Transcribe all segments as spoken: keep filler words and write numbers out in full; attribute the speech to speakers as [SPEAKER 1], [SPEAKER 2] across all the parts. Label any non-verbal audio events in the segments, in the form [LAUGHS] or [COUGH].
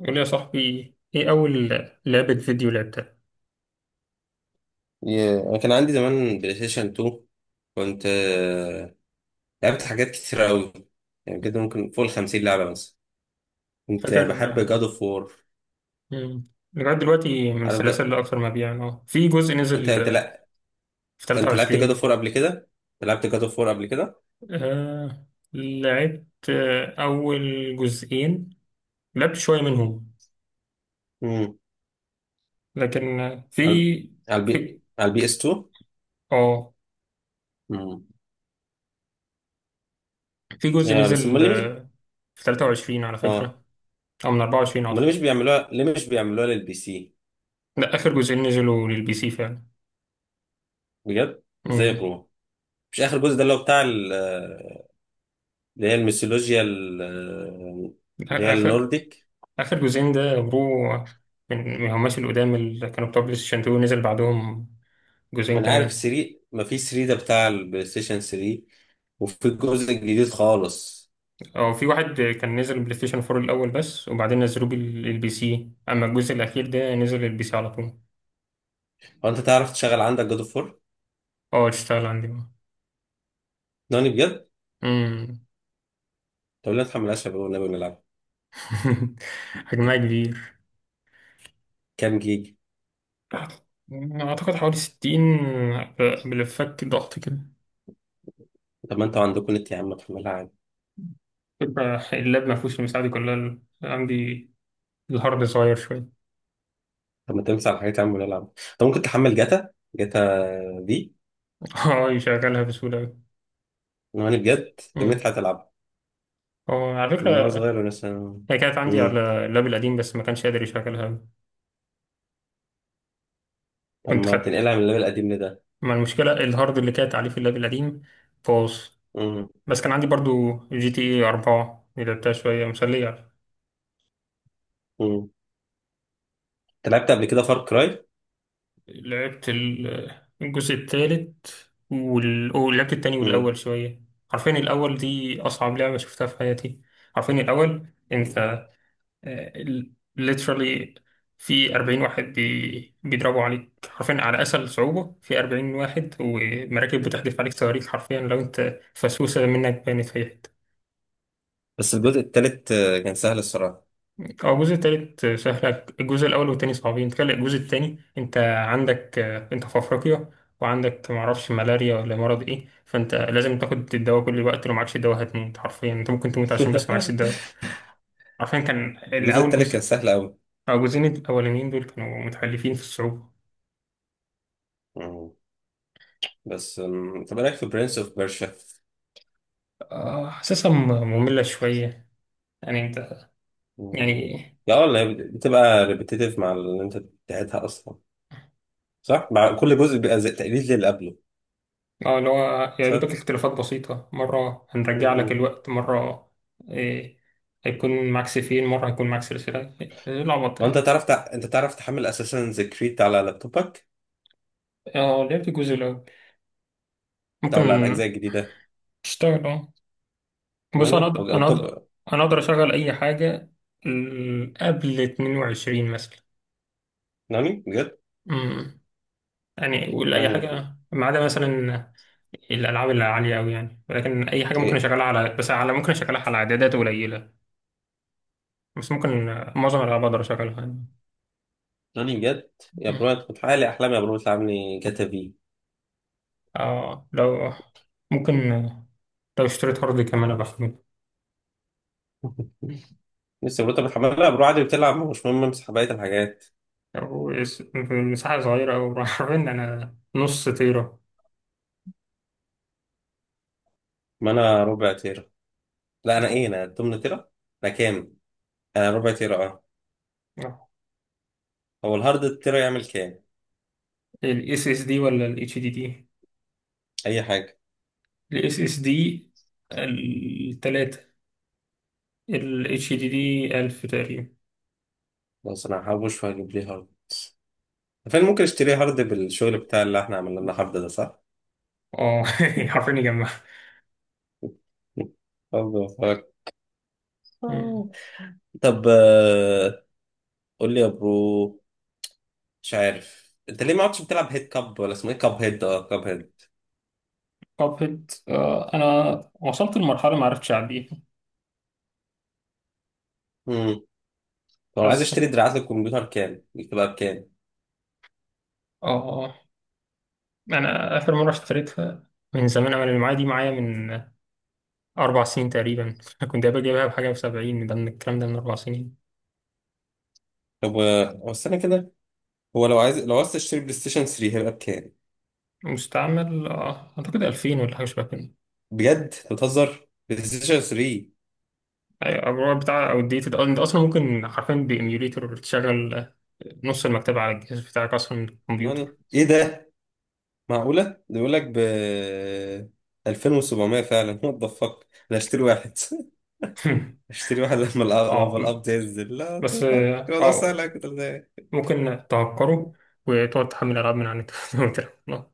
[SPEAKER 1] قول لي يا صاحبي، ايه اول لعبة فيديو لعبتها؟
[SPEAKER 2] يا- أنا كان عندي زمان بلاي ستيشن اتنين. كنت آه، لعبت حاجات كتيرة أوي، يعني كده ممكن فوق الخمسين لعبة مثلا. كنت
[SPEAKER 1] فاكر
[SPEAKER 2] بحب
[SPEAKER 1] آه.
[SPEAKER 2] جاد اوف وور.
[SPEAKER 1] مم. لغاية دلوقتي من
[SPEAKER 2] عارف جا...
[SPEAKER 1] السلاسل اللي اكثر مبيعا اه في جزء
[SPEAKER 2] أنت
[SPEAKER 1] نزل
[SPEAKER 2] أنت
[SPEAKER 1] آه،
[SPEAKER 2] لأ.
[SPEAKER 1] في
[SPEAKER 2] أنت لعبت جاد اوف
[SPEAKER 1] تلاتة وعشرين.
[SPEAKER 2] وور قبل كده؟ لعبت جاد اوف وور قبل كده؟
[SPEAKER 1] آه، لعبت آه اول جزئين. لعبت شوية منهم.
[SPEAKER 2] امم.
[SPEAKER 1] لكن آه، في
[SPEAKER 2] على على البي
[SPEAKER 1] في
[SPEAKER 2] على البي اس اتنين.
[SPEAKER 1] اه
[SPEAKER 2] امم.
[SPEAKER 1] في جزء
[SPEAKER 2] يا بس
[SPEAKER 1] نزل
[SPEAKER 2] أمال ليه مش
[SPEAKER 1] آه، في تلاتة وعشرين على
[SPEAKER 2] آه
[SPEAKER 1] فكرة، او من اربعة وعشرين
[SPEAKER 2] أمال ليه
[SPEAKER 1] اعتقد.
[SPEAKER 2] مش بيعملوها، ليه مش بيعملوها للبي سي؟
[SPEAKER 1] ده اخر جزئين نزلوا للبي سي فعلا.
[SPEAKER 2] بجد؟ إزاي يا
[SPEAKER 1] امم
[SPEAKER 2] برو؟ مش آخر جزء ده اللي هو بتاع ال- آه، اللي هي الميثولوجيا ال- آه، اللي هي
[SPEAKER 1] آخر
[SPEAKER 2] النورديك.
[SPEAKER 1] آخر جزئين ده برو. من من هماش القدام اللي كانوا بتوع بلاي ستيشن اتنين نزل بعدهم
[SPEAKER 2] ما
[SPEAKER 1] جزئين
[SPEAKER 2] انا عارف
[SPEAKER 1] كمان.
[SPEAKER 2] تلاتة، ما في تلاتة ده بتاع البلاي ستيشن تلاتة، وفي الجزء الجديد خالص.
[SPEAKER 1] أو في واحد كان نزل بلاي ستيشن اربعة الأول بس، وبعدين نزلوه بال- للبي سي. أما الجزء الأخير ده نزل للبي سي على طول.
[SPEAKER 2] هو انت تعرف تشغل عندك جود اوف اربعة؟
[SPEAKER 1] اه، تشتغل عندي بقى.
[SPEAKER 2] ناني بجد؟
[SPEAKER 1] أمم.
[SPEAKER 2] طب ليه ما تحملهاش يا بابا والنبي ونلعب؟
[SPEAKER 1] [LAUGHS] حجمها كبير.
[SPEAKER 2] كام جيجا؟
[SPEAKER 1] أعتقد حوالي ستين، بالفك ضغط كده.
[SPEAKER 2] طب ما انتوا عندكم نت يا عم، ما تحملها عادي.
[SPEAKER 1] فكرة اللاب ما فيهوش المساحة دي كلها عندي. الهارد صغير شوية.
[SPEAKER 2] طب ما تمسح الحاجات يا عم ونلعب. طب ممكن تحمل جاتا؟ جاتا دي.
[SPEAKER 1] [LAUGHS] اه، يشغلها بسهولة أوي.
[SPEAKER 2] ناني بجد،
[SPEAKER 1] امم.
[SPEAKER 2] النت هتلعبها.
[SPEAKER 1] هو على فكرة،
[SPEAKER 2] من وانا صغير وانا مثلا.
[SPEAKER 1] هي كانت عندي
[SPEAKER 2] امم.
[SPEAKER 1] على اللاب القديم بس ما كانش قادر يشغلها.
[SPEAKER 2] طب
[SPEAKER 1] كنت
[SPEAKER 2] ما
[SPEAKER 1] خدت.
[SPEAKER 2] تنقلها من الليفل القديم لده.
[SPEAKER 1] ما المشكلة الهارد اللي كانت عليه في اللاب القديم باظ.
[SPEAKER 2] امم.
[SPEAKER 1] بس كان عندي برضو جي تي اي أربعة، اللي لعبتها شوية مسلية.
[SPEAKER 2] امم. انت لعبت قبل كده فار كراي؟
[SPEAKER 1] لعبت ال- الجزء التالت وال... ولعبت التاني
[SPEAKER 2] امم.
[SPEAKER 1] والأول شوية. عارفين الأول دي أصعب لعبة شفتها في حياتي. عارفين الأول، أنت، آه، literally في اربعين واحد بي... بيضربوا عليك حرفيا، على أسهل صعوبة، في اربعين واحد ومراكب بتحدف عليك صواريخ. حرفيا لو أنت فسوسة منك بانت في أي حتة.
[SPEAKER 2] بس الجزء التالت آه، كان سهل الصراحه.
[SPEAKER 1] أو الجزء التالت سهل. الجزء الأول والتاني صعبين. تخيل الجزء التاني، أنت عندك آه، أنت في أفريقيا، وعندك معرفش ملاريا ولا مرض إيه. فأنت لازم تاخد الدواء كل الوقت. لو معكش الدواء هتموت. حرفيا أنت ممكن تموت عشان بس معكش
[SPEAKER 2] [LAUGHS]
[SPEAKER 1] الدواء. حرفيا كان
[SPEAKER 2] الجزء
[SPEAKER 1] الأول
[SPEAKER 2] التالت كان
[SPEAKER 1] جزء.
[SPEAKER 2] سهل أوي.
[SPEAKER 1] أو الجزئين الأولانيين دول كانوا متحلفين في الصعوبة.
[SPEAKER 2] مم. بس مم، طب إيه رأيك في برنس أوف بيرشا؟
[SPEAKER 1] آه، حاسسها م- مملة شوية. يعني انت.
[SPEAKER 2] مم.
[SPEAKER 1] يعني.
[SPEAKER 2] لا والله، بتبقى ريبيتيتيف مع اللي أنت بتاعتها أصلا. صح؟ مع كل جزء بيبقى زي تقليد للي قبله.
[SPEAKER 1] اه، اللي هو يا دوبك
[SPEAKER 2] صح؟
[SPEAKER 1] اختلافات بسيطة، مرة
[SPEAKER 2] مم.
[SPEAKER 1] هنرجع لك
[SPEAKER 2] مم.
[SPEAKER 1] الوقت، مرة. إيه، هيكون معاك سيفين، مرة هيكون معاك سلسلة، إيه العبط
[SPEAKER 2] وأنت
[SPEAKER 1] ده.
[SPEAKER 2] تعرف تع... أنت تعرف تحمل أساسا كريد على لابتوبك؟
[SPEAKER 1] اه، لعبت الجزء الأول.
[SPEAKER 2] أو
[SPEAKER 1] ممكن
[SPEAKER 2] على الأجزاء الجديدة؟
[SPEAKER 1] اشتغل اه. بص، أنا
[SPEAKER 2] ناني؟ هو
[SPEAKER 1] أقدر أنا أقدر
[SPEAKER 2] لابتوب.
[SPEAKER 1] أنا أقدر أشغل أي حاجة. ال- قبل اتنين وعشرين مثلا.
[SPEAKER 2] ناني؟ بجد؟
[SPEAKER 1] أمم. يعني ولا أي
[SPEAKER 2] ناني يا- برو.
[SPEAKER 1] حاجة ما عدا مثلا الالعاب اللي عاليه قوي يعني. ولكن اي حاجه ممكن
[SPEAKER 2] إيه؟
[SPEAKER 1] اشغلها على بس على ممكن اشغلها على اعدادات قليله. بس ممكن آه، معظم الالعاب اقدر اشغلها يعني.
[SPEAKER 2] ناني بجد؟ يا
[SPEAKER 1] مم.
[SPEAKER 2] برو، أنت بتحقق لي أحلامي، يا برو بتلعب لي جاتا في.
[SPEAKER 1] اه، لو ممكن آه، لو اشتريت هارد كمان ابقى احمله.
[SPEAKER 2] لسه يا برو، أنت بتحملها يا برو عادي بتلعب، مش مهم امسح بقية الحاجات.
[SPEAKER 1] او اس- في مساحه صغيره، او [LAUGHS] عارفين انا نص تيرا.
[SPEAKER 2] ما أنا ربع تير. لا، انا ايه
[SPEAKER 1] آه.
[SPEAKER 2] انا تمنية تيرا. انا كام. انا ربع تيرا اه.
[SPEAKER 1] آه.
[SPEAKER 2] هو الهارد التيرا يعمل كام؟
[SPEAKER 1] الاس اس دي ولا الاتش دي دي؟
[SPEAKER 2] اي حاجه.
[SPEAKER 1] الاس اس دي. التلاتة. الاتش دي دي ألف تقريبا.
[SPEAKER 2] بس انا هحوش واجيب لي هارد. فين ممكن اشتري هارد، بالشغل بتاع اللي احنا عملنا لنا هارد، ده صح؟
[SPEAKER 1] اه، [LAUGHS] حرفيا يجمع.
[SPEAKER 2] هارد وفاك. طب آه، قول لي يا برو، مش عارف انت ليه ما عدتش بتلعب هيد كاب، ولا اسمه ايه، كاب هيد، اه، كاب هيد.
[SPEAKER 1] كابهيد، آه انا وصلت لمرحله ما عرفتش اعديها.
[SPEAKER 2] امم. طب انا عايز
[SPEAKER 1] حاسس.
[SPEAKER 2] اشتري دراعات للكمبيوتر، كام بتبقى بكام؟
[SPEAKER 1] اه. انا اخر مره اشتريتها من زمان، انا اللي معايا دي معايا من اربع سنين تقريبا. [LAUGHS] كنت قبل جايبها بحاجه ب70. ده من الكلام ده من اربع سنين.
[SPEAKER 2] طب آه، هو استنى كده، هو لو عايز لو عايز تشتري بلاي ستيشن تلاتة هيبقى بكام؟
[SPEAKER 1] مستعمل آه اعتقد ألفين ولا حاجه شبه كده.
[SPEAKER 2] بجد؟ أنت بتهزر، بلاي ستيشن تلاتة؟
[SPEAKER 1] ايوه، الرواية بتاع او الديتد. انت اصلا ممكن حرفيا بايميوليتور تشغل آه، نص المكتبه على الجهاز بتاعك اصلا من الكمبيوتر.
[SPEAKER 2] ناني،
[SPEAKER 1] [LAUGHS]
[SPEAKER 2] ايه ده؟ معقولة ده بيقول لك ب الفين وسبعمية؟ فعلا وات ذا فاك، انا هشتري واحد. [LAUGHS] هشتري واحد لما الأ-
[SPEAKER 1] اه،
[SPEAKER 2] لما القبض ينزل. لا
[SPEAKER 1] بس
[SPEAKER 2] ذا فاك،
[SPEAKER 1] اه
[SPEAKER 2] الموضوع سهل أوي
[SPEAKER 1] آه،
[SPEAKER 2] كده ازاي.
[SPEAKER 1] ممكن تعكره وتقعد تحمل ألعاب من على النت. [LAUGHS] وتلعب.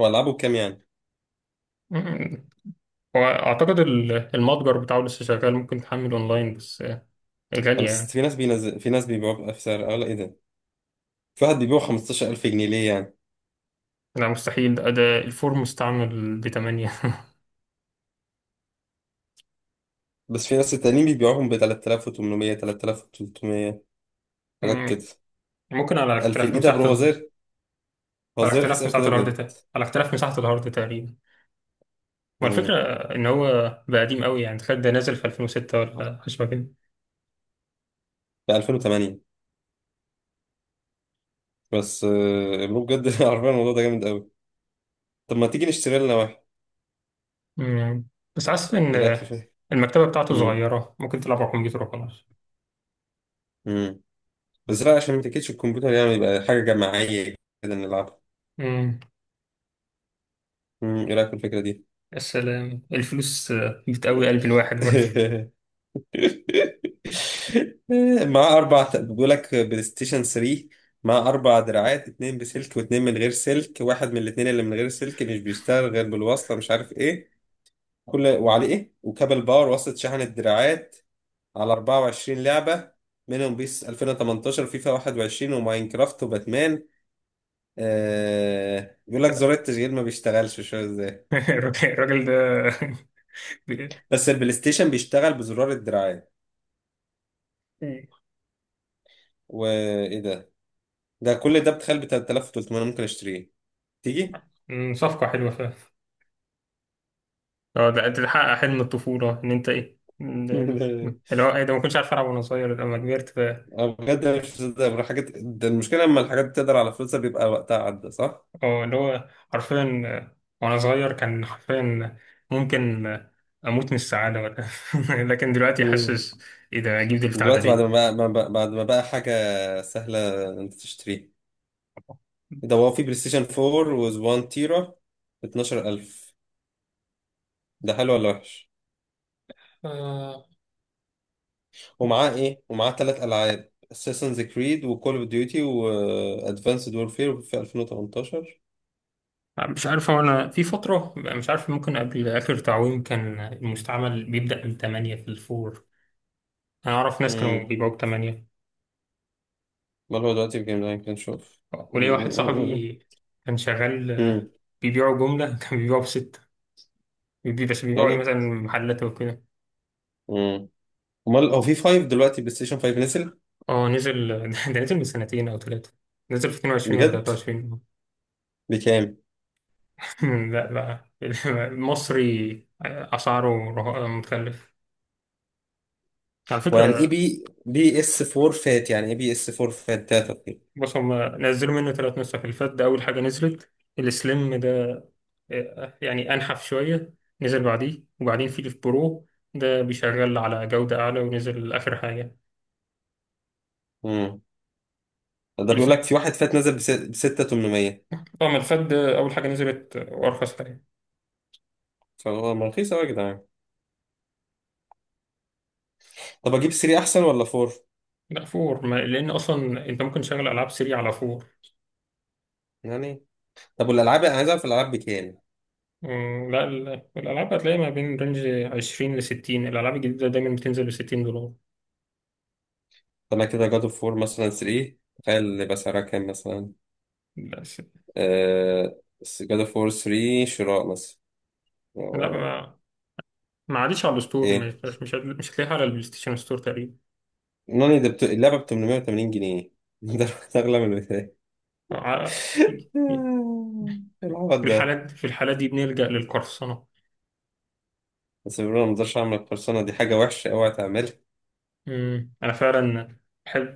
[SPEAKER 2] هو العابه بكام يعني؟
[SPEAKER 1] مم. وأعتقد ال- المتجر بتاعه لسه شغال. ممكن تحمل أونلاين، بس آه،
[SPEAKER 2] طب
[SPEAKER 1] غالية
[SPEAKER 2] بس
[SPEAKER 1] يعني.
[SPEAKER 2] في ناس بينزل، في ناس بيبيعوه بسعر اعلى، ايه ده؟ في واحد بيبيعه خمستاشر الف جنيه، ليه يعني؟
[SPEAKER 1] لا مستحيل ده. ده الفور مستعمل بتمانية.
[SPEAKER 2] بس في ناس التانيين بيبيعوهم ب تلتالاف وتمنمية، تلتالاف وتلتمية،
[SPEAKER 1] [LAUGHS]
[SPEAKER 2] حاجات كده.
[SPEAKER 1] مم. ممكن على
[SPEAKER 2] الفين،
[SPEAKER 1] اختلاف
[SPEAKER 2] ايه ده يا برو؟
[SPEAKER 1] مساحة
[SPEAKER 2] هو
[SPEAKER 1] ال...
[SPEAKER 2] زير، هو
[SPEAKER 1] على
[SPEAKER 2] زير رخيص
[SPEAKER 1] اختلاف
[SPEAKER 2] قوي
[SPEAKER 1] مساحة
[SPEAKER 2] كده
[SPEAKER 1] الهارد
[SPEAKER 2] بجد.
[SPEAKER 1] تا... على اختلاف مساحة الهارد تقريبا. ما الفكرة
[SPEAKER 2] امم.
[SPEAKER 1] إن هو بقى قديم قوي يعني، تخيل ده نازل في ألفين وستة ولا حاجة شبه كده.
[SPEAKER 2] ب الفين وتمانية. بس آه، برو بجد [LAUGHS] عارفين الموضوع ده جامد قوي. طب ما تيجي نشتري لنا؟
[SPEAKER 1] مم. بس حاسس إن
[SPEAKER 2] ايه رايك في
[SPEAKER 1] آه،
[SPEAKER 2] فيه.
[SPEAKER 1] المكتبة بتاعته
[SPEAKER 2] امم.
[SPEAKER 1] صغيرة، ممكن تلعب على الكمبيوتر وخلاص.
[SPEAKER 2] امم. بس لا، عشان ما تاكلش الكمبيوتر يعني، يبقى حاجه جماعيه كده نلعبها.
[SPEAKER 1] مم.
[SPEAKER 2] امم، ايه رايك في الفكره دي؟
[SPEAKER 1] السلام الفلوس بتقوي قلب الواحد برضه.
[SPEAKER 2] [LAUGHS] مع اربع، بيقول لك بلاي ستيشن تلاتة مع اربع دراعات، اتنين بسلك واتنين من غير سلك، واحد من الاتنين اللي من غير سلك مش بيشتغل غير بالوصله، مش عارف ايه، كل وعليه ايه، وكابل باور، وصلة شحن الدراعات، على اربعة وعشرين لعبه، منهم بيس الفين وتمنتاشر، فيفا واحد وعشرين، وماينكرافت، وباتمان. آه، بيقول لك زرار التشغيل ما بيشتغلش، مش عارف ازاي،
[SPEAKER 1] [LAUGHS] الراجل الراجل ده.
[SPEAKER 2] بس البلاي ستيشن بيشتغل بزرار الدراعات.
[SPEAKER 1] [LAUGHS]
[SPEAKER 2] وايه ده؟ ده كل ده بتخيل ب ثلاثة آلاف وثلاثمائة ممكن اشتريه. تيجي؟
[SPEAKER 1] أمم، صفقة حلوة فعلا. اه، ده ده تحقق حلم الطفولة، ان انت ايه. إن-
[SPEAKER 2] [LAUGHS] لا،
[SPEAKER 1] اللي هو ايه ده ما كنتش عارف العب وانا صغير، لما كبرت ف.
[SPEAKER 2] أنا بجد أنا مش مصدق بروح حاجات. ده المشكله، لما الحاجات بتقدر على فلوسها بيبقى وقتها عدى، صح؟
[SPEAKER 1] اه، اللي هو حرفيا آه، وانا صغير كان حرفيا ممكن آه، اموت من السعادة ولا. [LAUGHS] لكن دلوقتي
[SPEAKER 2] مم.
[SPEAKER 1] حاسس، ايه ده اجيب البتاع ده
[SPEAKER 2] دلوقتي بعد
[SPEAKER 1] ليه؟
[SPEAKER 2] ما بقى ما بقى بعد ما بقى حاجه سهله انت تشتريه. إيه ده، هو في بلاي ستيشن اربعة و واحد تيرا ب اطناشر الف. ده حلو ولا وحش؟
[SPEAKER 1] آه.
[SPEAKER 2] ومعاه ايه ومعاه ثلاث العاب Assassin's Creed، وكول اوف ديوتي، وادفانسد وورفير، في الفين وتمنتاشر.
[SPEAKER 1] مش عارف، هو انا في فترة مش عارف، ممكن قبل اخر تعويم كان المستعمل بيبدأ من تمنية في الفور. انا اعرف ناس كانوا
[SPEAKER 2] امم.
[SPEAKER 1] بيبيعوا ب تمنية.
[SPEAKER 2] امال هو دلوقتي في جيم لاين كان، شوف.
[SPEAKER 1] وليا واحد صاحبي كان شغال آه،
[SPEAKER 2] امم،
[SPEAKER 1] بيبيعوا جملة. [LAUGHS] كان بيبيعوا ب ستة. بيبي- بس بيبيعوا ايه،
[SPEAKER 2] يعني،
[SPEAKER 1] مثلا محلات وكده.
[SPEAKER 2] امم. امال هو في خمسة دلوقتي، بلاي ستيشن خمسة نزل؟
[SPEAKER 1] اه نزل. [LAUGHS] ده نزل من سنتين او ثلاثة. نزل في اتنين وعشرين ولا
[SPEAKER 2] بجد؟
[SPEAKER 1] تلاتة وعشرين.
[SPEAKER 2] بكام؟
[SPEAKER 1] [LAUGHS] لا بقى. [LAUGHS] المصري اسعاره رها- متكلف على
[SPEAKER 2] ويعني ايه
[SPEAKER 1] فكرة.
[SPEAKER 2] بي بي اس اربعة فات؟ يعني ايه بي اس اربعة فات داتا؟
[SPEAKER 1] بص هم نزلوا منه ثلاث نسخ. اللي فات ده اول حاجة نزلت. السليم ده يعني أنحف شوية، نزل بعديه. وبعدين في الف برو، ده بيشغل على جودة أعلى، ونزل آخر حاجة.
[SPEAKER 2] امم. ده
[SPEAKER 1] الف...
[SPEAKER 2] بيقول لك في واحد فات نزل ب ستالاف وتمنمية.
[SPEAKER 1] اه، ما الفات ده أول حاجة نزلت وأرخص حاجة.
[SPEAKER 2] فهو ما رخيص قوي يا جدعان. طب اجيب تلاتة احسن ولا اربعة؟
[SPEAKER 1] لا، فور ما... لأن أصلا أنت ممكن تشغل ألعاب سريع على فور.
[SPEAKER 2] يعني. طب والالعاب، انا عايز اعرف الالعاب بكام.
[SPEAKER 1] مم، لا ال- الألعاب هتلاقيها ما بين رينج عشرين لستين. الألعاب الجديدة دايما بتنزل بستين دولار.
[SPEAKER 2] طلع كده، جاد اوف وور مثلا تلاتة، تخيل يبقى سعرها كام مثلا.
[SPEAKER 1] لا س...
[SPEAKER 2] آه، جاد اوف وور تلاتة شراء مثلا.
[SPEAKER 1] لا
[SPEAKER 2] آه،
[SPEAKER 1] ما ما عادش على الستور، مش
[SPEAKER 2] ايه.
[SPEAKER 1] مش مش هتلاقيها على البلاي ستيشن ستور تقريبا.
[SPEAKER 2] نوني، ده بت... اللعبة ب تمنمية وتمانين جنيه [LAUGHS] ده اغلى من البداية.
[SPEAKER 1] ع-
[SPEAKER 2] [LAUGHS] العبط
[SPEAKER 1] في
[SPEAKER 2] ده.
[SPEAKER 1] الحالات في الحالات دي بنلجأ للقرصنة.
[SPEAKER 2] بس بيقولوا، أنا ما اقدرش اعمل القرصنة دي، حاجة وحشة اوعى تعملها.
[SPEAKER 1] مم. أنا فعلا أحب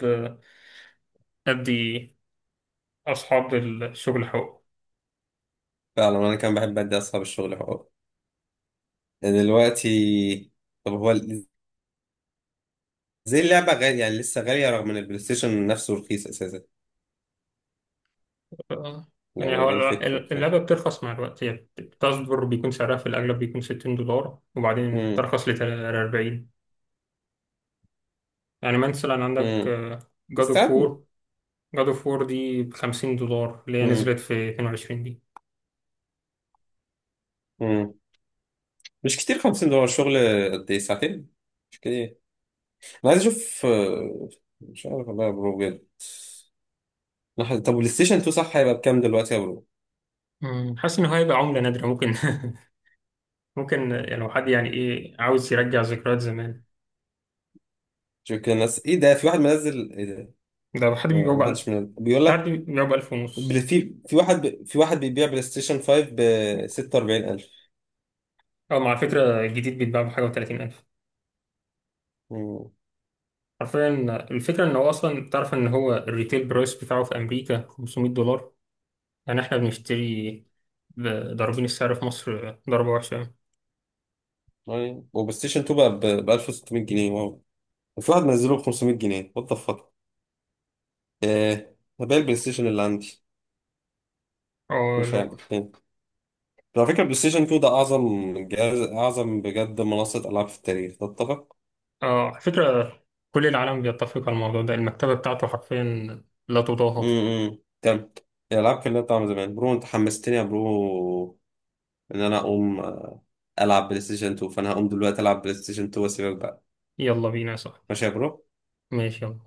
[SPEAKER 1] أدي أصحاب الشغل حقوق.
[SPEAKER 2] فعلا انا كان بحب ادي اصحاب الشغل حقوق. دلوقتي، طب هو ال- زي اللعبة غالية يعني، لسه غالية رغم ان البلاي ستيشن نفسه رخيص اساسا.
[SPEAKER 1] آه. يعني
[SPEAKER 2] يعني
[SPEAKER 1] هو
[SPEAKER 2] ايه الفكرة
[SPEAKER 1] ال-
[SPEAKER 2] بتاعتها؟
[SPEAKER 1] اللعبة بترخص مع الوقت. هي بتصدر بيكون سعرها في الأغلب بيكون ستين دولار، وبعدين
[SPEAKER 2] مم.
[SPEAKER 1] ترخص ل اربعين. يعني مثلا عندك
[SPEAKER 2] مم.
[SPEAKER 1] جاد اوف
[SPEAKER 2] مستعد.
[SPEAKER 1] وور جاد اوف وور دي ب خمسين دولار، اللي هي نزلت في اتنين وعشرين دي.
[SPEAKER 2] مم. مش كتير خمسين دولار؟ شغل قد ايه، ساعتين؟ مش كتير. انا عايز اشوف آه، مش عارف والله يا برو بجد. لحظة، طب والبلاي ستيشن اتنين صح هيبقى بكام دلوقتي يا برو؟
[SPEAKER 1] مم. حاسس إن هو هيبقى عملة نادرة، ممكن [LAUGHS] ممكن يعني لو حد يعني إيه عاوز يرجع ذكريات زمان.
[SPEAKER 2] شوف كده الناس، ايه ده، في واحد منزل ايه ده؟
[SPEAKER 1] ده حد
[SPEAKER 2] ما
[SPEAKER 1] بيبيعه
[SPEAKER 2] ما
[SPEAKER 1] بقى.
[SPEAKER 2] حدش منزل بيقول
[SPEAKER 1] تعدي
[SPEAKER 2] لك.
[SPEAKER 1] بيبيعه بألف
[SPEAKER 2] بل-
[SPEAKER 1] ونص
[SPEAKER 2] في في واحد ب... في واحد بيبيع بلاي ستيشن خمسة ب ستة واربعين الف.
[SPEAKER 1] أو مع فكرة الجديد بيتباع بحاجة و30 ألف.
[SPEAKER 2] مم.
[SPEAKER 1] حرفيا، الفكرة إن هو أصلا تعرف إن هو الريتيل برايس بتاعه في أمريكا خمسميت دولار. يعني إحنا بنشتري، ب- ضاربين السعر في مصر ضربة وحشة يعني.
[SPEAKER 2] يعني وبلاي ستيشن اتنين بقى ب ألف وستمائة جنيه، واو، في واحد منزله ب خمسمية جنيه. وات ذا فاك، ايه، هبيع البلاي ستيشن اللي عندي.
[SPEAKER 1] أه
[SPEAKER 2] شوف
[SPEAKER 1] لو.
[SPEAKER 2] يعني، على فكرة بلاي ستيشن اتنين ده أعظم جهاز، أعظم بجد منصة ألعاب في التاريخ، تتفق؟
[SPEAKER 1] أه على فكرة، كل العالم بيتفق على الموضوع ده. المكتبة بتاعته حرفيا لا تضاهى.
[SPEAKER 2] امم، تمام. الألعاب كلها بتاع زمان برو، أنت حمستني يا برو، إن أنا أقوم آه، ألعب بلاي ستيشن اتنين. فأنا هقوم دلوقتي ألعب بلاي ستيشن اتنين وأسيبك بقى.
[SPEAKER 1] يلا بينا يا صاحبي.
[SPEAKER 2] ماشي يا برو؟
[SPEAKER 1] ماشي، يلا.